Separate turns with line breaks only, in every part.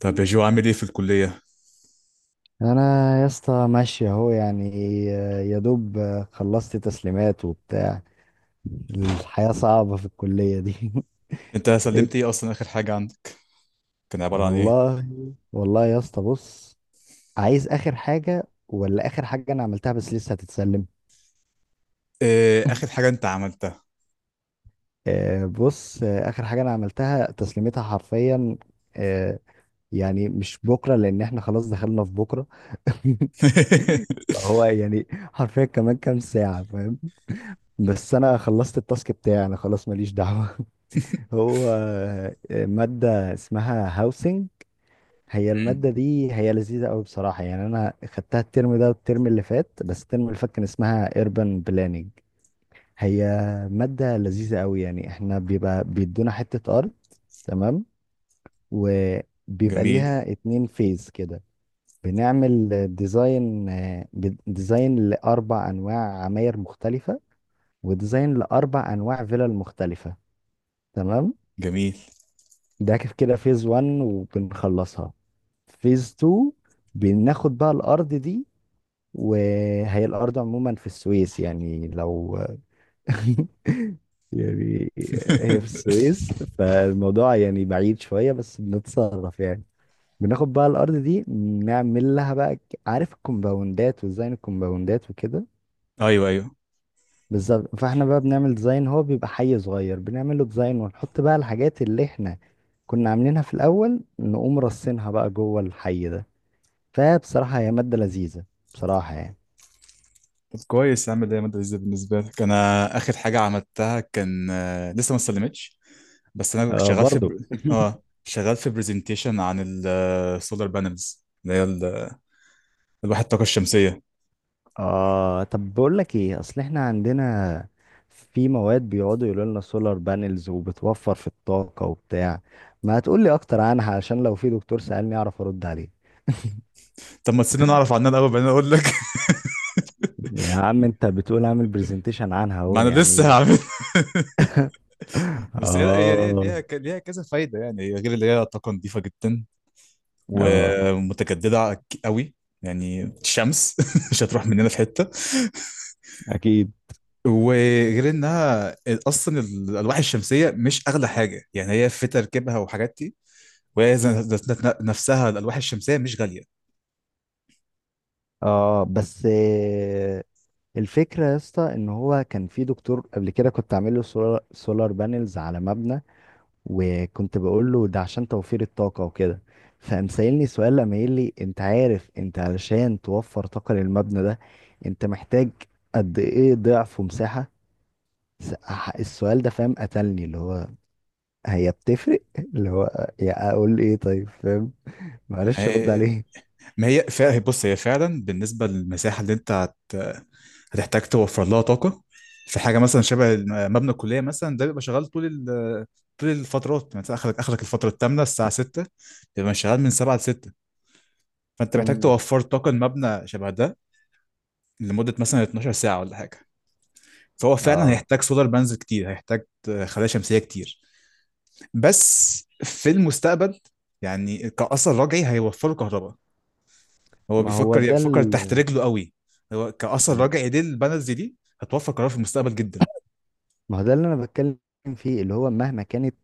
طب يا جو عامل ايه في الكلية؟
انا، يا اسطى، ماشي اهو يعني. يا دوب، خلصت تسليمات وبتاع. الحياة صعبة في الكلية دي.
انت
إيه؟
سلمت ايه اصلا اخر حاجة عندك؟ كان عبارة عن ايه؟
والله. والله يا اسطى بص، عايز اخر حاجة ولا اخر حاجة انا عملتها بس لسه هتتسلم.
اخر حاجة انت عملتها.
بص، اخر حاجة انا عملتها تسليمتها حرفيا، آه، يعني مش بكرة لان احنا خلاص دخلنا في بكرة. هو يعني حرفيا كمان كام ساعة، فاهم؟ بس انا خلصت التاسك بتاعي، انا خلاص ماليش دعوة. هو مادة اسمها هاوسنج. هي المادة دي هي لذيذة قوي بصراحة يعني، أنا خدتها الترم ده والترم اللي فات، بس الترم اللي فات كان اسمها urban planning. هي مادة لذيذة قوي يعني. احنا بيبقى بيدونا حتة أرض، تمام، وبيبقى
جميل.
ليها اتنين فيز كده. بنعمل ديزاين، ديزاين لأربع أنواع عماير مختلفة، وديزاين لأربع أنواع فيلل مختلفة، تمام.
جميل.
ده كده فيز 1 وبنخلصها. فيز 2 بناخد بقى الارض دي. وهي الارض عموما في السويس يعني، لو يعني هي في السويس، فالموضوع يعني بعيد شوية بس بنتصرف يعني. بناخد بقى الأرض دي، نعمل لها بقى، عارف الكومباوندات وديزاين الكومباوندات وكده.
ايوه.
بالظبط، فاحنا بقى بنعمل ديزاين. هو بيبقى حي صغير، بنعمل له ديزاين ونحط بقى الحاجات اللي احنا كنا عاملينها في الأول، نقوم رصينها بقى جوه الحي ده. فبصراحة هي مادة لذيذة بصراحة يعني.
طب كويس، عامل ايه يا مادة لذيذة بالنسبة لك؟ انا اخر حاجة عملتها كان، لسه ما استلمتش، بس انا كنت
آه
شغال في
برضو.
اه، شغال في برزنتيشن عن السولار بانلز اللي هي الواحد الطاقة الشمسية.
اه، طب بقول لك ايه، اصل احنا عندنا في مواد بيقعدوا يقولوا لنا سولار بانلز وبتوفر في الطاقة وبتاع. ما هتقول لي اكتر عنها عشان لو في دكتور سألني اعرف ارد عليه.
طب ما تسيبني انا اعرف عنها الاول بعدين اقول لك.
يا عم انت بتقول اعمل برزنتيشن عنها اهو
ما انا لسه
يعني.
هعمل. بس هي ليها
اه.
ليها ك- ليها كذا فايدة، يعني هي، غير اللي هي طاقة نظيفة جدا
اه.
ومتجددة قوي، يعني الشمس مش هتروح مننا في حتة.
اكيد.
وغير انها اصلا الالواح الشمسية مش اغلى حاجة، يعني هي في تركيبها وحاجات دي. وهي ذات نفسها الالواح الشمسية مش غالية.
اه بس، الفكرة يا اسطى ان هو كان في دكتور قبل كده، كنت عامل له سولار، سولار بانلز على مبنى، وكنت بقول له ده عشان توفير الطاقة وكده. فقام سألني سؤال، لما قال لي انت عارف انت علشان توفر طاقة للمبنى ده انت محتاج قد ايه ضعف ومساحة. السؤال ده، فاهم، قتلني. اللي هو هي بتفرق. اللي هو، يا اقول ايه طيب، فاهم،
ما
معرفش ارد
هي
عليه.
ما هي فا... بص، هي فعلا بالنسبة للمساحة اللي انت هتحتاج توفر لها طاقة، في حاجة مثلا شبه مبنى الكلية مثلا ده، بيبقى شغال طول طول الفترات، يعني مثلا اخرك الفترة الثامنة، الساعة 6 بيبقى شغال من 7 ل 6، فانت محتاج
مم.
توفر طاقة المبنى شبه ده لمدة مثلا 12 ساعة ولا حاجة. فهو فعلا
اه،
هيحتاج سولار بانز كتير، هيحتاج خلايا شمسية كتير. بس في المستقبل، يعني كأثر رجعي، هيوفروا كهرباء. هو
ما هو
بيفكر يعني،
ده
بيفكر تحت رجله قوي. هو كأثر
ما
رجعي، ليه البنالتي دي هتوفر قرار في المستقبل جدا.
ما هو ده اللي انا بتكلم فيه، اللي هو مهما كانت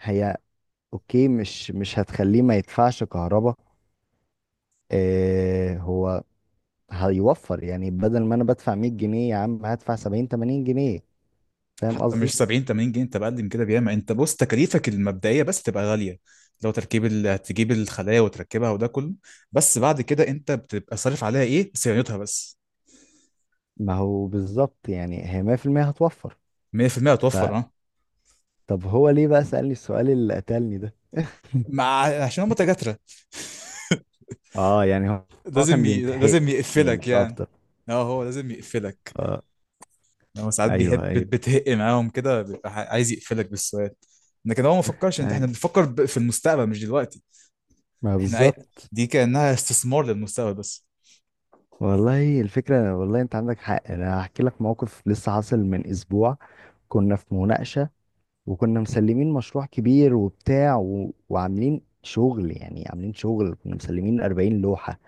هي، اوكي، مش هتخليه ما يدفعش كهرباء. آه، هو هيوفر يعني، بدل ما انا بدفع 100 جنيه يا عم هدفع 70 80 جنيه. فاهم
حتى مش
قصدي؟
70 80 جنيه، انت بقل من كده بياما. انت بص، تكاليفك المبدئيه بس تبقى غاليه، لو تركيب هتجيب الخلايا وتركبها وده كله، بس بعد كده انت بتبقى صارف عليها ايه، صيانتها بس.
ما هو بالظبط يعني، هي 100% هتوفر.
100%
فطب
هتوفر، اه.
هو ليه بقى سألني السؤال اللي قتلني ده؟
مع عشان هم تجاترة،
اه يعني هو، هو
لازم
كان بيمتحنني
لازم يقفلك
مش
يعني.
اكتر.
اه، هو لازم يقفلك.
اه.
هو ساعات بيحب
ايوه ايوه.
بتهق معاهم كده، بيبقى عايز يقفلك بالسؤال. لكن هو ما فكرش، انت احنا
أيوة.
بنفكر في المستقبل مش دلوقتي.
ما
احنا أي...
بالظبط.
دي كأنها استثمار للمستقبل بس.
والله الفكرة، والله انت عندك حق. انا هحكي لك موقف لسه حاصل من اسبوع. كنا في مناقشة، وكنا مسلمين مشروع كبير وبتاع، وعاملين شغل يعني، عاملين شغل، كنا مسلمين 40 لوحة.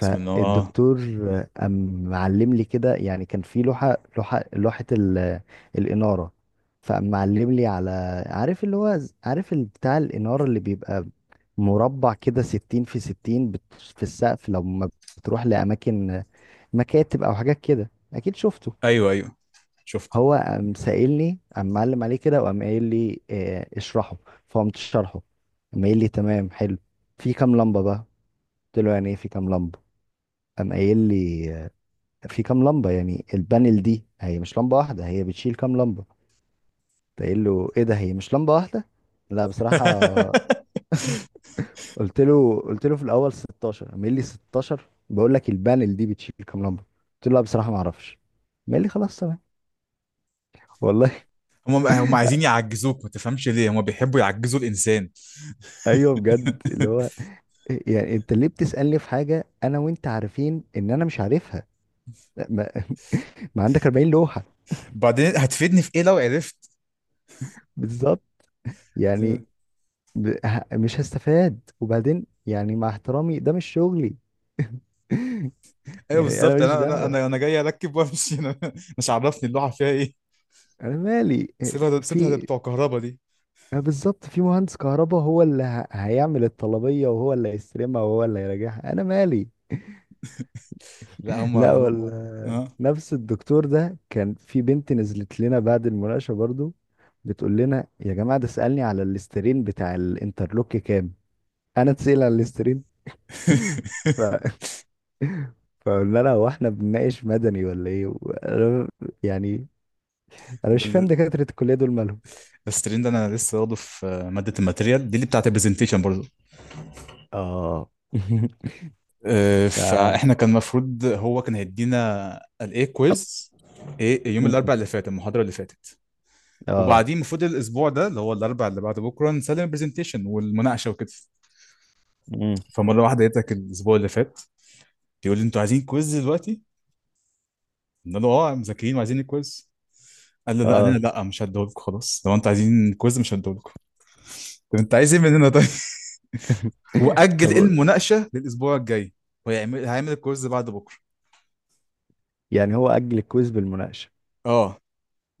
بسم الله، اه.
قام معلم لي كده، يعني كان في لوحة، لوحة الإنارة. فقام معلم لي على، عارف اللي هو، عارف بتاع الإنارة اللي بيبقى مربع كده، 60 في 60، في السقف لما بتروح لأماكن، مكاتب أو حاجات كده، أكيد شفته.
ايوه. شفت.
هو قام سائلني، قام معلم عليه كده وقام قايل لي، اشرحه. فقمت شرحه. قام قايل لي تمام، حلو، في كام لمبة بقى؟ قلت له يعني ايه في كام لمبة؟ قام قايل لي في كام لمبة، يعني البانل دي هي مش لمبة واحدة، هي بتشيل كام لمبة. قمت قايل له ايه ده، هي مش لمبة واحدة؟ لا بصراحة. قلت له في الأول 16. قام قايل لي 16؟ بقول لك البانل دي بتشيل كام لمبة. قلت له لا بصراحة ما اعرفش. قام قايل لي خلاص تمام. والله.
هم عايزين يعجزوك، ما تفهمش ليه هم بيحبوا يعجزوا الانسان.
ايوه بجد، اللي هو يعني انت ليه بتسألني في حاجة انا وانت عارفين ان انا مش عارفها؟ ما, ما عندك 40 لوحة.
بعدين هتفيدني في ايه لو عرفت؟
بالظبط يعني، مش هستفاد. وبعدين يعني، مع احترامي، ده مش شغلي.
ايوه
يعني انا
بالظبط،
ماليش
انا انا
دعوة.
انا انا جاي اركب وامشي. انا مش عرفني اللوحه فيها ايه،
انا مالي،
سيبها ده، سيبها ده
في،
بتوع كهربا دي.
اه بالظبط في مهندس كهرباء هو اللي هيعمل الطلبية، وهو اللي هيستلمها، وهو اللي هيراجعها. انا مالي.
لا هم.
لا، ولا
اه.
نفس الدكتور ده، كان في بنت نزلت لنا بعد المناقشة برضو بتقول لنا يا جماعة، ده سألني على الاسترين بتاع الانترلوك كام. انا اتسأل على الاسترين؟ ف... فقلنا لها هو احنا بنناقش مدني ولا ايه يعني انا
ده
مش فاهم
ال-
دكاترة الكلية دول مالهم.
الستريم ده انا لسه واخده في ماده الماتيريال دي اللي بتاعت البرزنتيشن برضه.
اه. اه.
فاحنا كان المفروض هو كان هيدينا الايه، كويز، ايه، يوم
مم.
الاربع اللي فات، المحاضره اللي فاتت.
اه.
وبعدين المفروض الاسبوع ده اللي هو الاربع اللي بعد بكره نسلم البرزنتيشن والمناقشه وكده.
مم.
فمره واحده لقيتك الاسبوع اللي فات بيقول لي انتوا عايزين كويز دلوقتي؟ قلنا له اه، مذاكرين وعايزين الكويز. قال لي لا، انا
اه.
لا مش هديهولكم خلاص، لو انتوا عايزين كويز مش هديهولكم. طب انت عايز ايه مننا طيب؟ واجل
طب،
المناقشه للاسبوع الجاي، وهيعمل الكورس بعد بكره.
يعني هو أجل الكويز بالمناقشة؟
اه.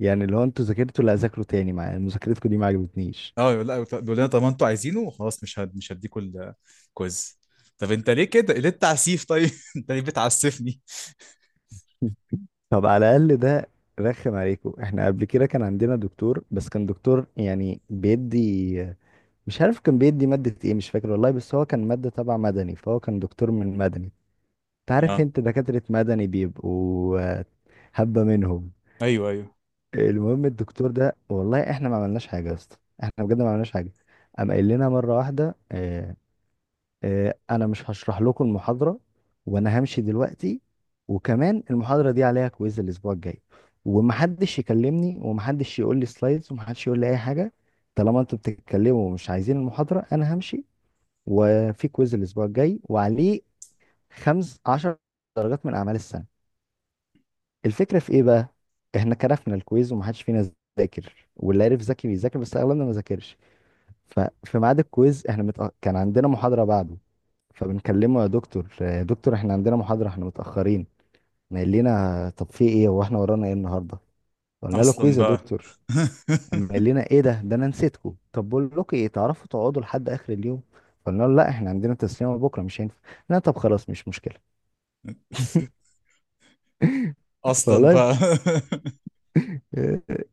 يعني لو انتوا ذاكرتوا لا، ذاكروا تاني مع مذاكرتكم دي ما عجبتنيش.
اه، يقول لا، بيقول لنا طب انتوا عايزينه خلاص، مش هديكوا الكويز. طب انت ليه كده، ليه التعسيف طيب؟ انت ليه بتعسفني؟
طب على الاقل ده رخم عليكم. احنا قبل كده كان عندنا دكتور، بس كان دكتور يعني بيدي، مش عارف كان بيدي مادة ايه مش فاكر والله، بس هو كان مادة تبع مدني، فهو كان دكتور من مدني. انت عارف
اه.
انت دكاترة مدني بيبقوا هبة منهم.
ايوه.
المهم الدكتور ده، والله احنا ما عملناش حاجة يا اسطى، احنا بجد ما عملناش حاجة. قام قايل لنا مرة واحدة انا مش هشرح لكم المحاضره، وانا همشي دلوقتي، وكمان المحاضره دي عليها كويز الاسبوع الجاي، ومحدش يكلمني، ومحدش يقول لي سلايدز، ومحدش يقول لي اي حاجه، طالما انتوا بتتكلموا ومش عايزين المحاضره انا همشي، وفي كويز الاسبوع الجاي وعليه 15 درجات من اعمال السنه. الفكره في ايه بقى، احنا كرفنا الكويز ومحدش فينا ذاكر، واللي عرف ذكي بيذاكر بس اغلبنا ما ذاكرش. ففي ميعاد الكويز احنا كان عندنا محاضرة بعده. فبنكلمه يا دكتور، يا دكتور احنا عندنا محاضرة احنا متأخرين. ما قال لنا طب في ايه، هو احنا ورانا ايه النهاردة؟ قلنا له
اصلا
كويز يا
بقى
دكتور. اما قال لنا ايه ده، ده انا نسيتكم، طب بقول لكم ايه، تعرفوا تقعدوا لحد اخر اليوم؟ قلنا له لا احنا عندنا تسليمة بكرة، مش هينفع. لا طب خلاص مش مشكلة.
اصلا
والله
بقى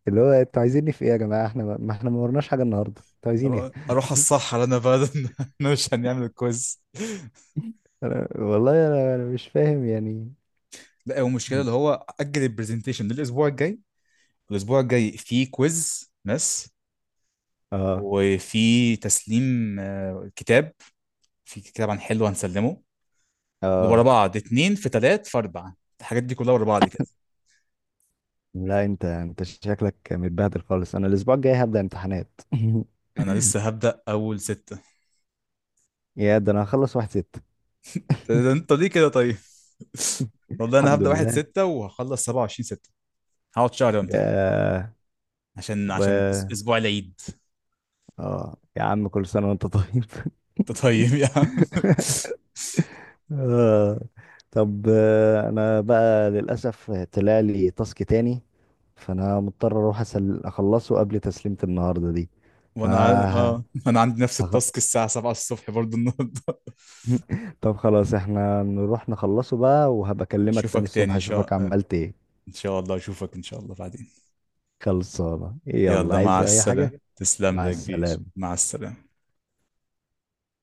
اللي هو انتوا عايزيني في ايه يا جماعة، احنا ما ورناش حاجة النهاردة، انتوا عايزين ايه؟
اروح الصحراء انا بقى. انا مش هنعمل الكويز.
والله انا، أنا مش فاهم يعني.
لا، هو المشكله اللي هو اجل البرزنتيشن للاسبوع الجاي، الاسبوع الجاي فيه كويز ماس،
اه.
وفي تسليم، كتاب، في كتاب عن حلو هنسلمه. ورا
اه.
بعض، اتنين في تلات في أربعة، الحاجات دي كلها ورا بعض كده.
لا انت، انت شكلك متبهدل خالص. انا الاسبوع الجاي هبدأ امتحانات.
أنا لسه هبدأ 1/6.
يا ده انا هخلص واحد ست.
ده أنت ليه كده طيب؟ والله أنا
الحمد
هبدأ واحد
لله.
ستة وهخلص 27/6. هقعد شهر وامتحن،
يا،
عشان
و
عشان أس- أسبوع العيد.
اه يا عم، كل سنة وانت طيب.
أنت طيب يا عم.
آه. طب، انا بقى للاسف طلع لي تاسك تاني، فانا مضطر اروح اخلصه قبل تسليمة النهاردة دي. ف
وأنا عن... آه أنا عندي نفس
هخ-
التاسك الساعة 7 الصبح برضو النهاردة.
طب خلاص احنا نروح نخلصه بقى، وهبكلمك تاني
أشوفك تاني
الصبح
إن شاء
اشوفك
آه،
عملت ايه.
إن شاء الله أشوفك إن شاء الله بعدين.
خلصانة، يلا
يلا، مع
عايز
مش عايز
أي
السلامة
حاجة؟
حاجة، تسلم لي
مع
يا مع كبير.
السلامة.
مع السلامة.